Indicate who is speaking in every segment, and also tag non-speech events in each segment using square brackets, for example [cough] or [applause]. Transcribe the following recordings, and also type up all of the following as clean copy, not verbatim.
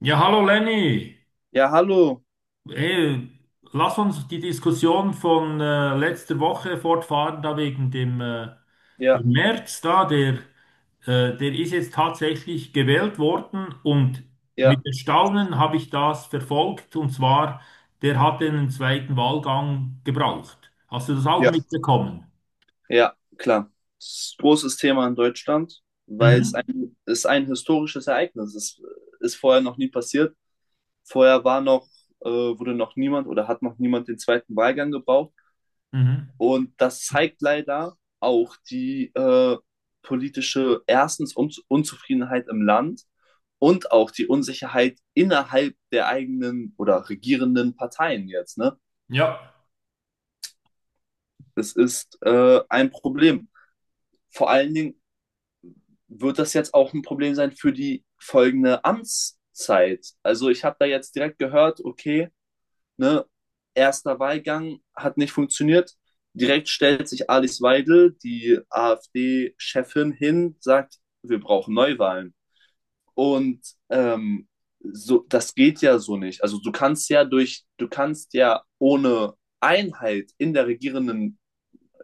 Speaker 1: Ja, hallo Lenny.
Speaker 2: Ja, hallo.
Speaker 1: Ey, lass uns die Diskussion von letzter Woche fortfahren, da wegen
Speaker 2: Ja,
Speaker 1: dem Merz da, der ist jetzt tatsächlich gewählt worden und
Speaker 2: ja,
Speaker 1: mit Erstaunen habe ich das verfolgt und zwar, der hat einen zweiten Wahlgang gebraucht. Hast du das auch
Speaker 2: ja,
Speaker 1: mitbekommen?
Speaker 2: ja, klar. Das ist ein großes Thema in Deutschland, weil es
Speaker 1: Mhm.
Speaker 2: ein, es ein historisches Ereignis ist. Ist vorher noch nie passiert. Vorher war noch, wurde noch niemand oder hat noch niemand den zweiten Wahlgang gebraucht.
Speaker 1: Mhm.
Speaker 2: Und das zeigt leider auch die politische, erstens Unzufriedenheit im Land und auch die Unsicherheit innerhalb der eigenen oder regierenden Parteien jetzt, ne?
Speaker 1: Ja.
Speaker 2: Das ist ein Problem, vor allen Dingen wird das jetzt auch ein Problem sein für die folgende Amtszeit. Also ich habe da jetzt direkt gehört, okay, ne, erster Wahlgang hat nicht funktioniert. Direkt stellt sich Alice Weidel, die AfD-Chefin, hin, sagt, wir brauchen Neuwahlen. Und ähm, so, das geht ja so nicht. Also du kannst ja ohne Einheit in der Regierenden,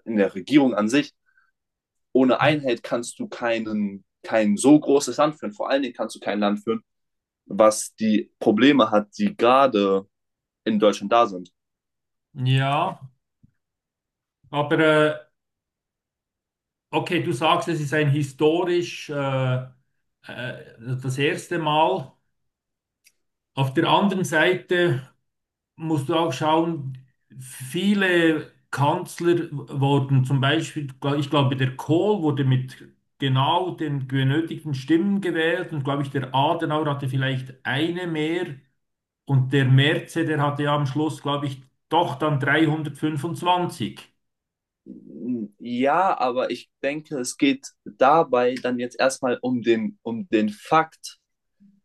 Speaker 2: in der Regierung an sich, ohne Einheit kannst du kein so großes Land führen. Vor allen Dingen kannst du kein Land führen, was die Probleme hat, die gerade in Deutschland da sind.
Speaker 1: Ja, aber äh, okay, du sagst, es ist ein historisch äh, das erste Mal. Auf der anderen Seite musst du auch schauen, viele Kanzler wurden zum Beispiel, ich glaube, der Kohl wurde mit genau den benötigten Stimmen gewählt und glaube ich, der Adenauer hatte vielleicht eine mehr und der Merz, der hatte ja am Schluss, glaube ich, doch dann 325.
Speaker 2: Ja, aber ich denke, es geht dabei dann jetzt erstmal um um den Fakt,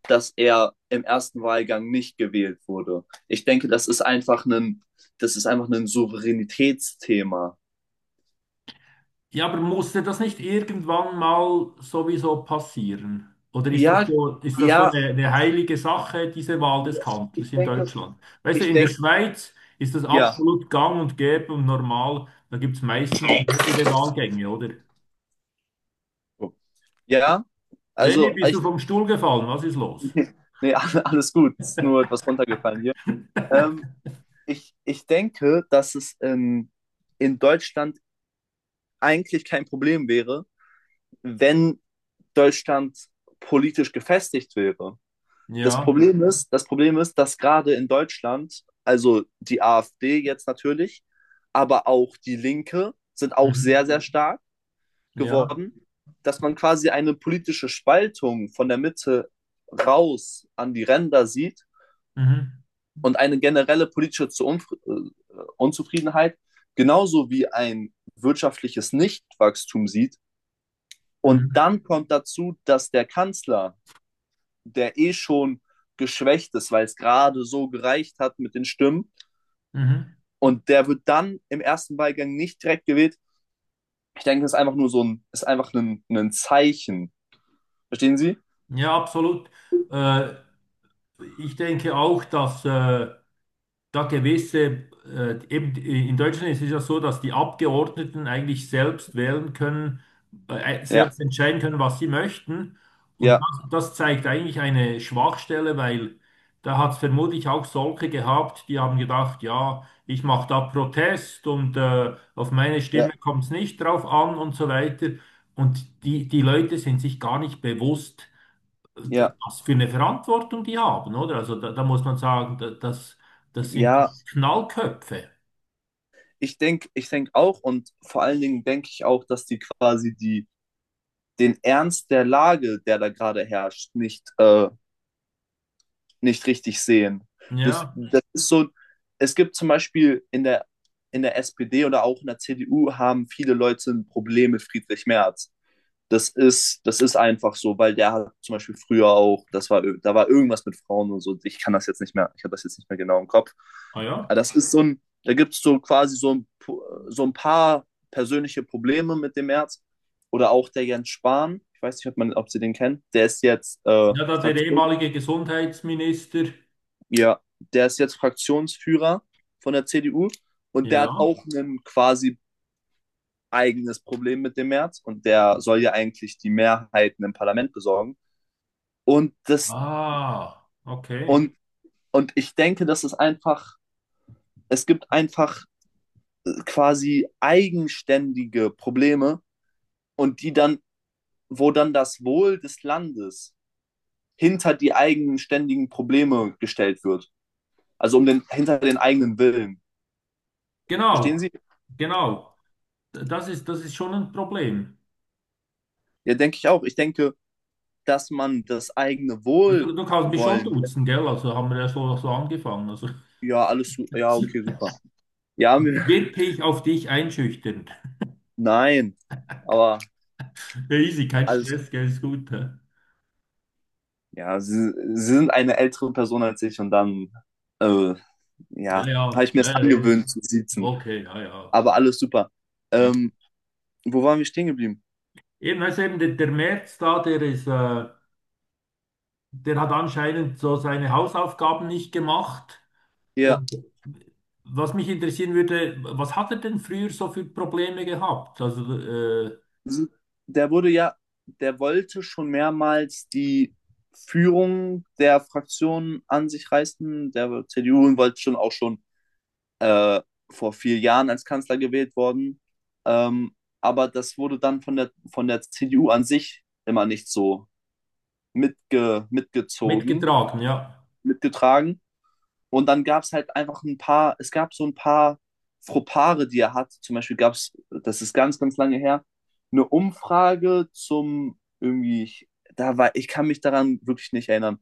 Speaker 2: dass er im ersten Wahlgang nicht gewählt wurde. Ich denke, das ist einfach ein Souveränitätsthema.
Speaker 1: Ja, aber musste das nicht irgendwann mal sowieso passieren? Oder ist das
Speaker 2: Ja,
Speaker 1: so, ist das so
Speaker 2: ja,
Speaker 1: eine, eine heilige Sache, diese Wahl des Kanzlers
Speaker 2: ich
Speaker 1: in
Speaker 2: denke,
Speaker 1: Deutschland? Weißt du,
Speaker 2: ich
Speaker 1: in der
Speaker 2: denke,
Speaker 1: Schweiz ist das
Speaker 2: ja,
Speaker 1: absolut gang und gäbe und normal. Da gibt es meistens mehrere Wahlgänge, oder?
Speaker 2: ja.
Speaker 1: Lenny,
Speaker 2: Also
Speaker 1: bist du vom Stuhl gefallen? Was ist los?
Speaker 2: nee, alles gut. Ist nur etwas runtergefallen hier. Ähm, ich denke, dass es in Deutschland eigentlich kein Problem wäre, wenn Deutschland politisch gefestigt wäre. Das
Speaker 1: Ja,
Speaker 2: Problem ist, das Problem ist, dass gerade in Deutschland, also die AfD jetzt natürlich, aber auch die Linke sind auch
Speaker 1: mhm.
Speaker 2: sehr, sehr stark
Speaker 1: Ja,
Speaker 2: geworden, dass man quasi eine politische Spaltung von der Mitte raus an die Ränder sieht
Speaker 1: mhm.
Speaker 2: und eine generelle politische Unzufriedenheit, genauso wie ein wirtschaftliches Nichtwachstum sieht. Und
Speaker 1: Mhm.
Speaker 2: dann kommt dazu, dass der Kanzler, der eh schon geschwächt ist, weil es gerade so gereicht hat mit den Stimmen,
Speaker 1: Mhm.
Speaker 2: und der wird dann im ersten Wahlgang nicht direkt gewählt. Ich denke, das ist einfach nur so ist einfach ein Zeichen. Verstehen Sie?
Speaker 1: Ja, absolut. Äh, Ich denke auch, dass da gewisse, eben in Deutschland ist es ja so, dass die Abgeordneten eigentlich selbst wählen können,
Speaker 2: Ja,
Speaker 1: selbst entscheiden können, was sie möchten. Und
Speaker 2: ja,
Speaker 1: das, das zeigt eigentlich eine Schwachstelle, weil da hat es vermutlich auch solche gehabt, die haben gedacht, ja, ich mache da Protest und auf meine Stimme
Speaker 2: ja,
Speaker 1: kommt es nicht drauf an und so weiter. Und die Leute sind sich gar nicht bewusst,
Speaker 2: ja,
Speaker 1: was für eine Verantwortung die haben, oder? Also da, da muss man sagen, das sind doch
Speaker 2: ja.
Speaker 1: Knallköpfe.
Speaker 2: Ich denke auch, und vor allen Dingen denke ich auch, dass die quasi die den Ernst der Lage, der da gerade herrscht, nicht, nicht richtig sehen.
Speaker 1: Ja,
Speaker 2: Das ist so, es gibt zum Beispiel in in der SPD oder auch in der CDU haben viele Leute ein Problem mit Friedrich Merz. Das ist einfach so, weil der hat zum Beispiel früher auch, da war irgendwas mit Frauen und so. Ich kann das jetzt nicht mehr, ich habe das jetzt nicht mehr genau im Kopf.
Speaker 1: ah
Speaker 2: Aber
Speaker 1: ja.
Speaker 2: das ist so ein, da gibt es so quasi so ein paar persönliche Probleme mit dem März. Oder auch der Jens Spahn, ich weiß nicht, ob Sie den kennen, der ist jetzt
Speaker 1: Ja, da der
Speaker 2: Fraktion,
Speaker 1: ehemalige Gesundheitsminister.
Speaker 2: ja, der ist jetzt Fraktionsführer von der CDU, und der hat
Speaker 1: Ja.
Speaker 2: auch ein quasi eigenes Problem mit dem März, und der soll ja eigentlich die Mehrheiten im Parlament besorgen. Und das,
Speaker 1: Ah, okay.
Speaker 2: und, und ich denke, das ist einfach, es gibt einfach quasi eigenständige Probleme, und wo dann das Wohl des Landes hinter die eigenständigen Probleme gestellt wird. Also um hinter den eigenen Willen. Verstehen
Speaker 1: Genau,
Speaker 2: Sie?
Speaker 1: genau. Das ist schon ein Problem.
Speaker 2: Ja, denke ich auch. Ich denke, dass man das eigene
Speaker 1: Also du kannst mich schon duzen, gell? Also haben wir ja so, so angefangen. Also
Speaker 2: Ja, ja, okay,
Speaker 1: [laughs]
Speaker 2: super. Ja, mir-
Speaker 1: wirklich auf dich einschüchtern.
Speaker 2: [laughs] nein, aber
Speaker 1: Ja, easy, kein
Speaker 2: alles
Speaker 1: Stress, gell, ist gut. Hä?
Speaker 2: ja, sie sind eine ältere Person als ich und dann, äh,
Speaker 1: Ja,
Speaker 2: ja, habe
Speaker 1: ja,
Speaker 2: ich mir es
Speaker 1: ja, ja.
Speaker 2: angewöhnt zu siezen.
Speaker 1: Okay, ja, ja.
Speaker 2: Aber alles super.
Speaker 1: Ja.
Speaker 2: Ähm, wo waren wir stehen geblieben?
Speaker 1: Also der Merz da, der hat anscheinend so seine Hausaufgaben nicht gemacht.
Speaker 2: Ja,
Speaker 1: Und was mich interessieren würde, was hat er denn früher so für Probleme gehabt?
Speaker 2: sie- der wurde ja, der wollte schon mehrmals die Führung der Fraktion an sich reißen, der CDU, und wollte schon auch schon äh, vor 4 Jahren als Kanzler gewählt worden. Ähm, aber das wurde dann von von der CDU an sich immer nicht so mitgezogen,
Speaker 1: Mitgetragen, ja.
Speaker 2: mitgetragen. Und dann gab es halt einfach ein paar, es gab so ein paar Fropare, die er hat. Zum Beispiel gab es, das ist ganz, ganz lange her, eine Umfrage zum irgendwie, da war, ich kann mich daran wirklich nicht erinnern,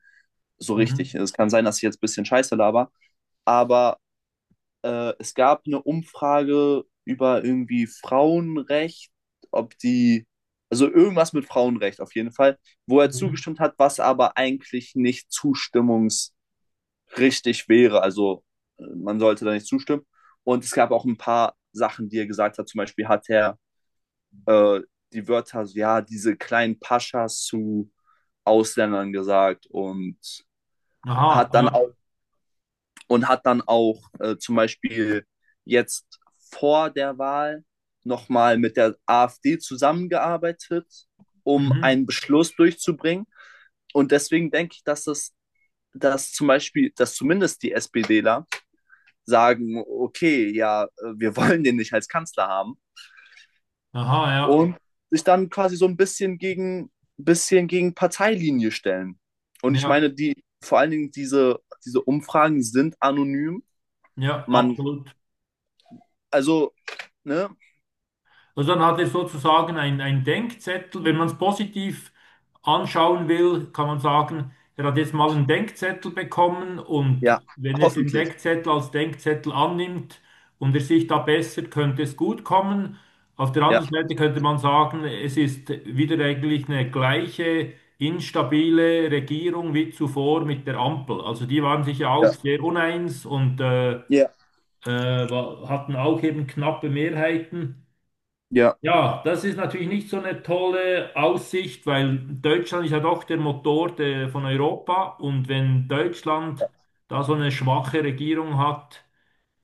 Speaker 2: so richtig.
Speaker 1: Mhm.
Speaker 2: Es kann sein, dass ich jetzt ein bisschen Scheiße laber, aber es gab eine Umfrage über irgendwie Frauenrecht, ob die, also irgendwas mit Frauenrecht auf jeden Fall, wo er
Speaker 1: Mhm.
Speaker 2: zugestimmt hat, was aber eigentlich nicht zustimmungs richtig wäre. Also man sollte da nicht zustimmen. Und es gab auch ein paar Sachen, die er gesagt hat. Zum Beispiel hat er äh, die Wörter, so, ja, diese kleinen Paschas zu Ausländern gesagt, und
Speaker 1: Aha,
Speaker 2: hat dann
Speaker 1: ja.
Speaker 2: auch, und hat dann auch zum Beispiel jetzt vor der Wahl nochmal mit der AfD zusammengearbeitet, um
Speaker 1: Mhm.
Speaker 2: einen Beschluss durchzubringen. Und deswegen denke ich, dass dass zum Beispiel, dass zumindest die SPDler sagen, okay, ja, wir [laughs] wollen den nicht als Kanzler haben,
Speaker 1: Aha, ja.
Speaker 2: und sich dann quasi so ein bisschen gegen Parteilinie stellen. Und ich
Speaker 1: Ja,
Speaker 2: meine, vor allen Dingen diese Umfragen sind anonym.
Speaker 1: ja,
Speaker 2: Man,
Speaker 1: absolut.
Speaker 2: also, ne,
Speaker 1: Also dann hat er sozusagen ein Denkzettel. Wenn man es positiv anschauen will, kann man sagen, er hat jetzt mal einen Denkzettel bekommen und
Speaker 2: ja,
Speaker 1: wenn er den
Speaker 2: hoffentlich.
Speaker 1: Denkzettel als Denkzettel annimmt und er sich da bessert, könnte es gut kommen. Auf der
Speaker 2: Ja,
Speaker 1: anderen Seite könnte man sagen, es ist wieder eigentlich eine gleiche instabile Regierung wie zuvor mit der Ampel. Also die waren sich ja
Speaker 2: ja,
Speaker 1: auch sehr uneins und äh, äh,
Speaker 2: ja,
Speaker 1: wa- hatten auch eben knappe Mehrheiten.
Speaker 2: ja,
Speaker 1: Ja, das ist natürlich nicht so eine tolle Aussicht, weil Deutschland ist ja doch der Motor von Europa und wenn Deutschland da so eine schwache Regierung hat,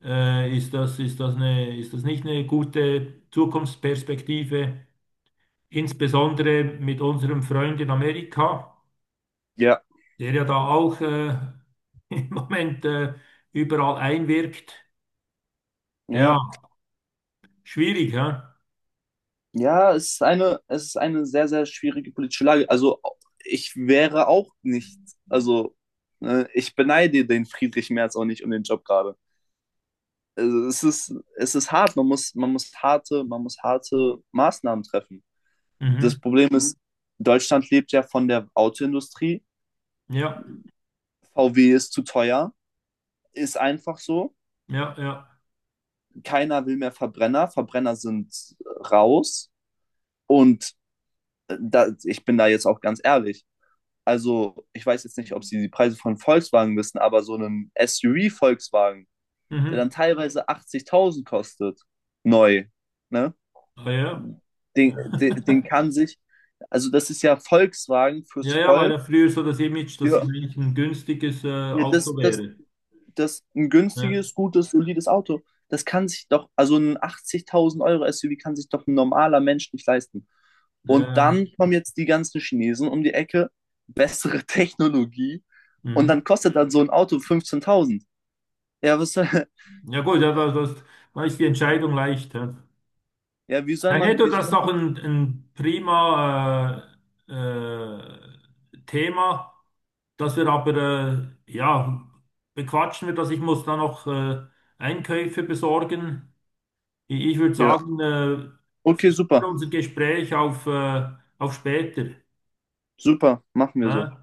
Speaker 1: ist das ist das nicht eine gute Zukunftsperspektive, insbesondere mit unserem Freund in Amerika,
Speaker 2: ja,
Speaker 1: der ja da auch [laughs] im Moment überall einwirkt. Ja,
Speaker 2: ja.
Speaker 1: schwierig, ja?
Speaker 2: Ja, es ist eine sehr, sehr schwierige politische Lage. Ich wäre auch nicht, also, ne, ich beneide den Friedrich Merz auch nicht um den Job gerade. Also es ist hart. Man muss harte Maßnahmen treffen. Das
Speaker 1: Mhm.
Speaker 2: Problem ist, Deutschland lebt ja von der Autoindustrie.
Speaker 1: Ja,
Speaker 2: VW ist zu teuer, ist einfach so.
Speaker 1: ja, ja.
Speaker 2: Keiner will mehr Verbrenner. Verbrenner sind raus. Und ich bin da jetzt auch ganz ehrlich. Also, ich weiß jetzt nicht, ob Sie die Preise von Volkswagen wissen, aber so einem SUV-Volkswagen, der dann
Speaker 1: Mhm.
Speaker 2: teilweise 80.000 kostet, neu, ne?
Speaker 1: Ah, ja.
Speaker 2: Den
Speaker 1: [laughs]
Speaker 2: kann sich, also das ist ja Volkswagen fürs
Speaker 1: Ja, ja, war ja
Speaker 2: Volk.
Speaker 1: früher so das Image, dass es
Speaker 2: Ja,
Speaker 1: eigentlich ein günstiges
Speaker 2: ja
Speaker 1: Auto
Speaker 2: das, das,
Speaker 1: wäre.
Speaker 2: das ein
Speaker 1: Ja,
Speaker 2: günstiges, gutes, solides Auto. Das kann sich doch, also ein 80.000 € SUV kann sich doch ein normaler Mensch nicht leisten.
Speaker 1: ja,
Speaker 2: Und
Speaker 1: ja.
Speaker 2: dann kommen jetzt die ganzen Chinesen um die Ecke, bessere [laughs] Technologie, und
Speaker 1: Mhm.
Speaker 2: dann kostet dann so ein Auto 15.000. Ja, was, soll-
Speaker 1: Ja gut, da ist die Entscheidung leicht. Ja.
Speaker 2: [laughs] ja,
Speaker 1: Ja, hätte
Speaker 2: wie
Speaker 1: das
Speaker 2: soll
Speaker 1: doch
Speaker 2: man,
Speaker 1: ein prima äh, äh, Thema, dass wir aber, ja, bequatschen wir das. Ich muss da noch Einkäufe besorgen. Ich würde
Speaker 2: ja,
Speaker 1: sagen,
Speaker 2: okay,
Speaker 1: verschieben wir
Speaker 2: super,
Speaker 1: unser Gespräch auf später.
Speaker 2: super, machen wir so.
Speaker 1: Ne?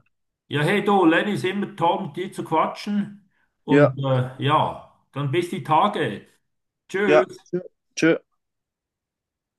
Speaker 1: Ja, hey du, Lenny ist immer toll, mit dir zu quatschen.
Speaker 2: Ja,
Speaker 1: Und ja, dann bis die Tage.
Speaker 2: ja,
Speaker 1: Tschüss.
Speaker 2: tschö.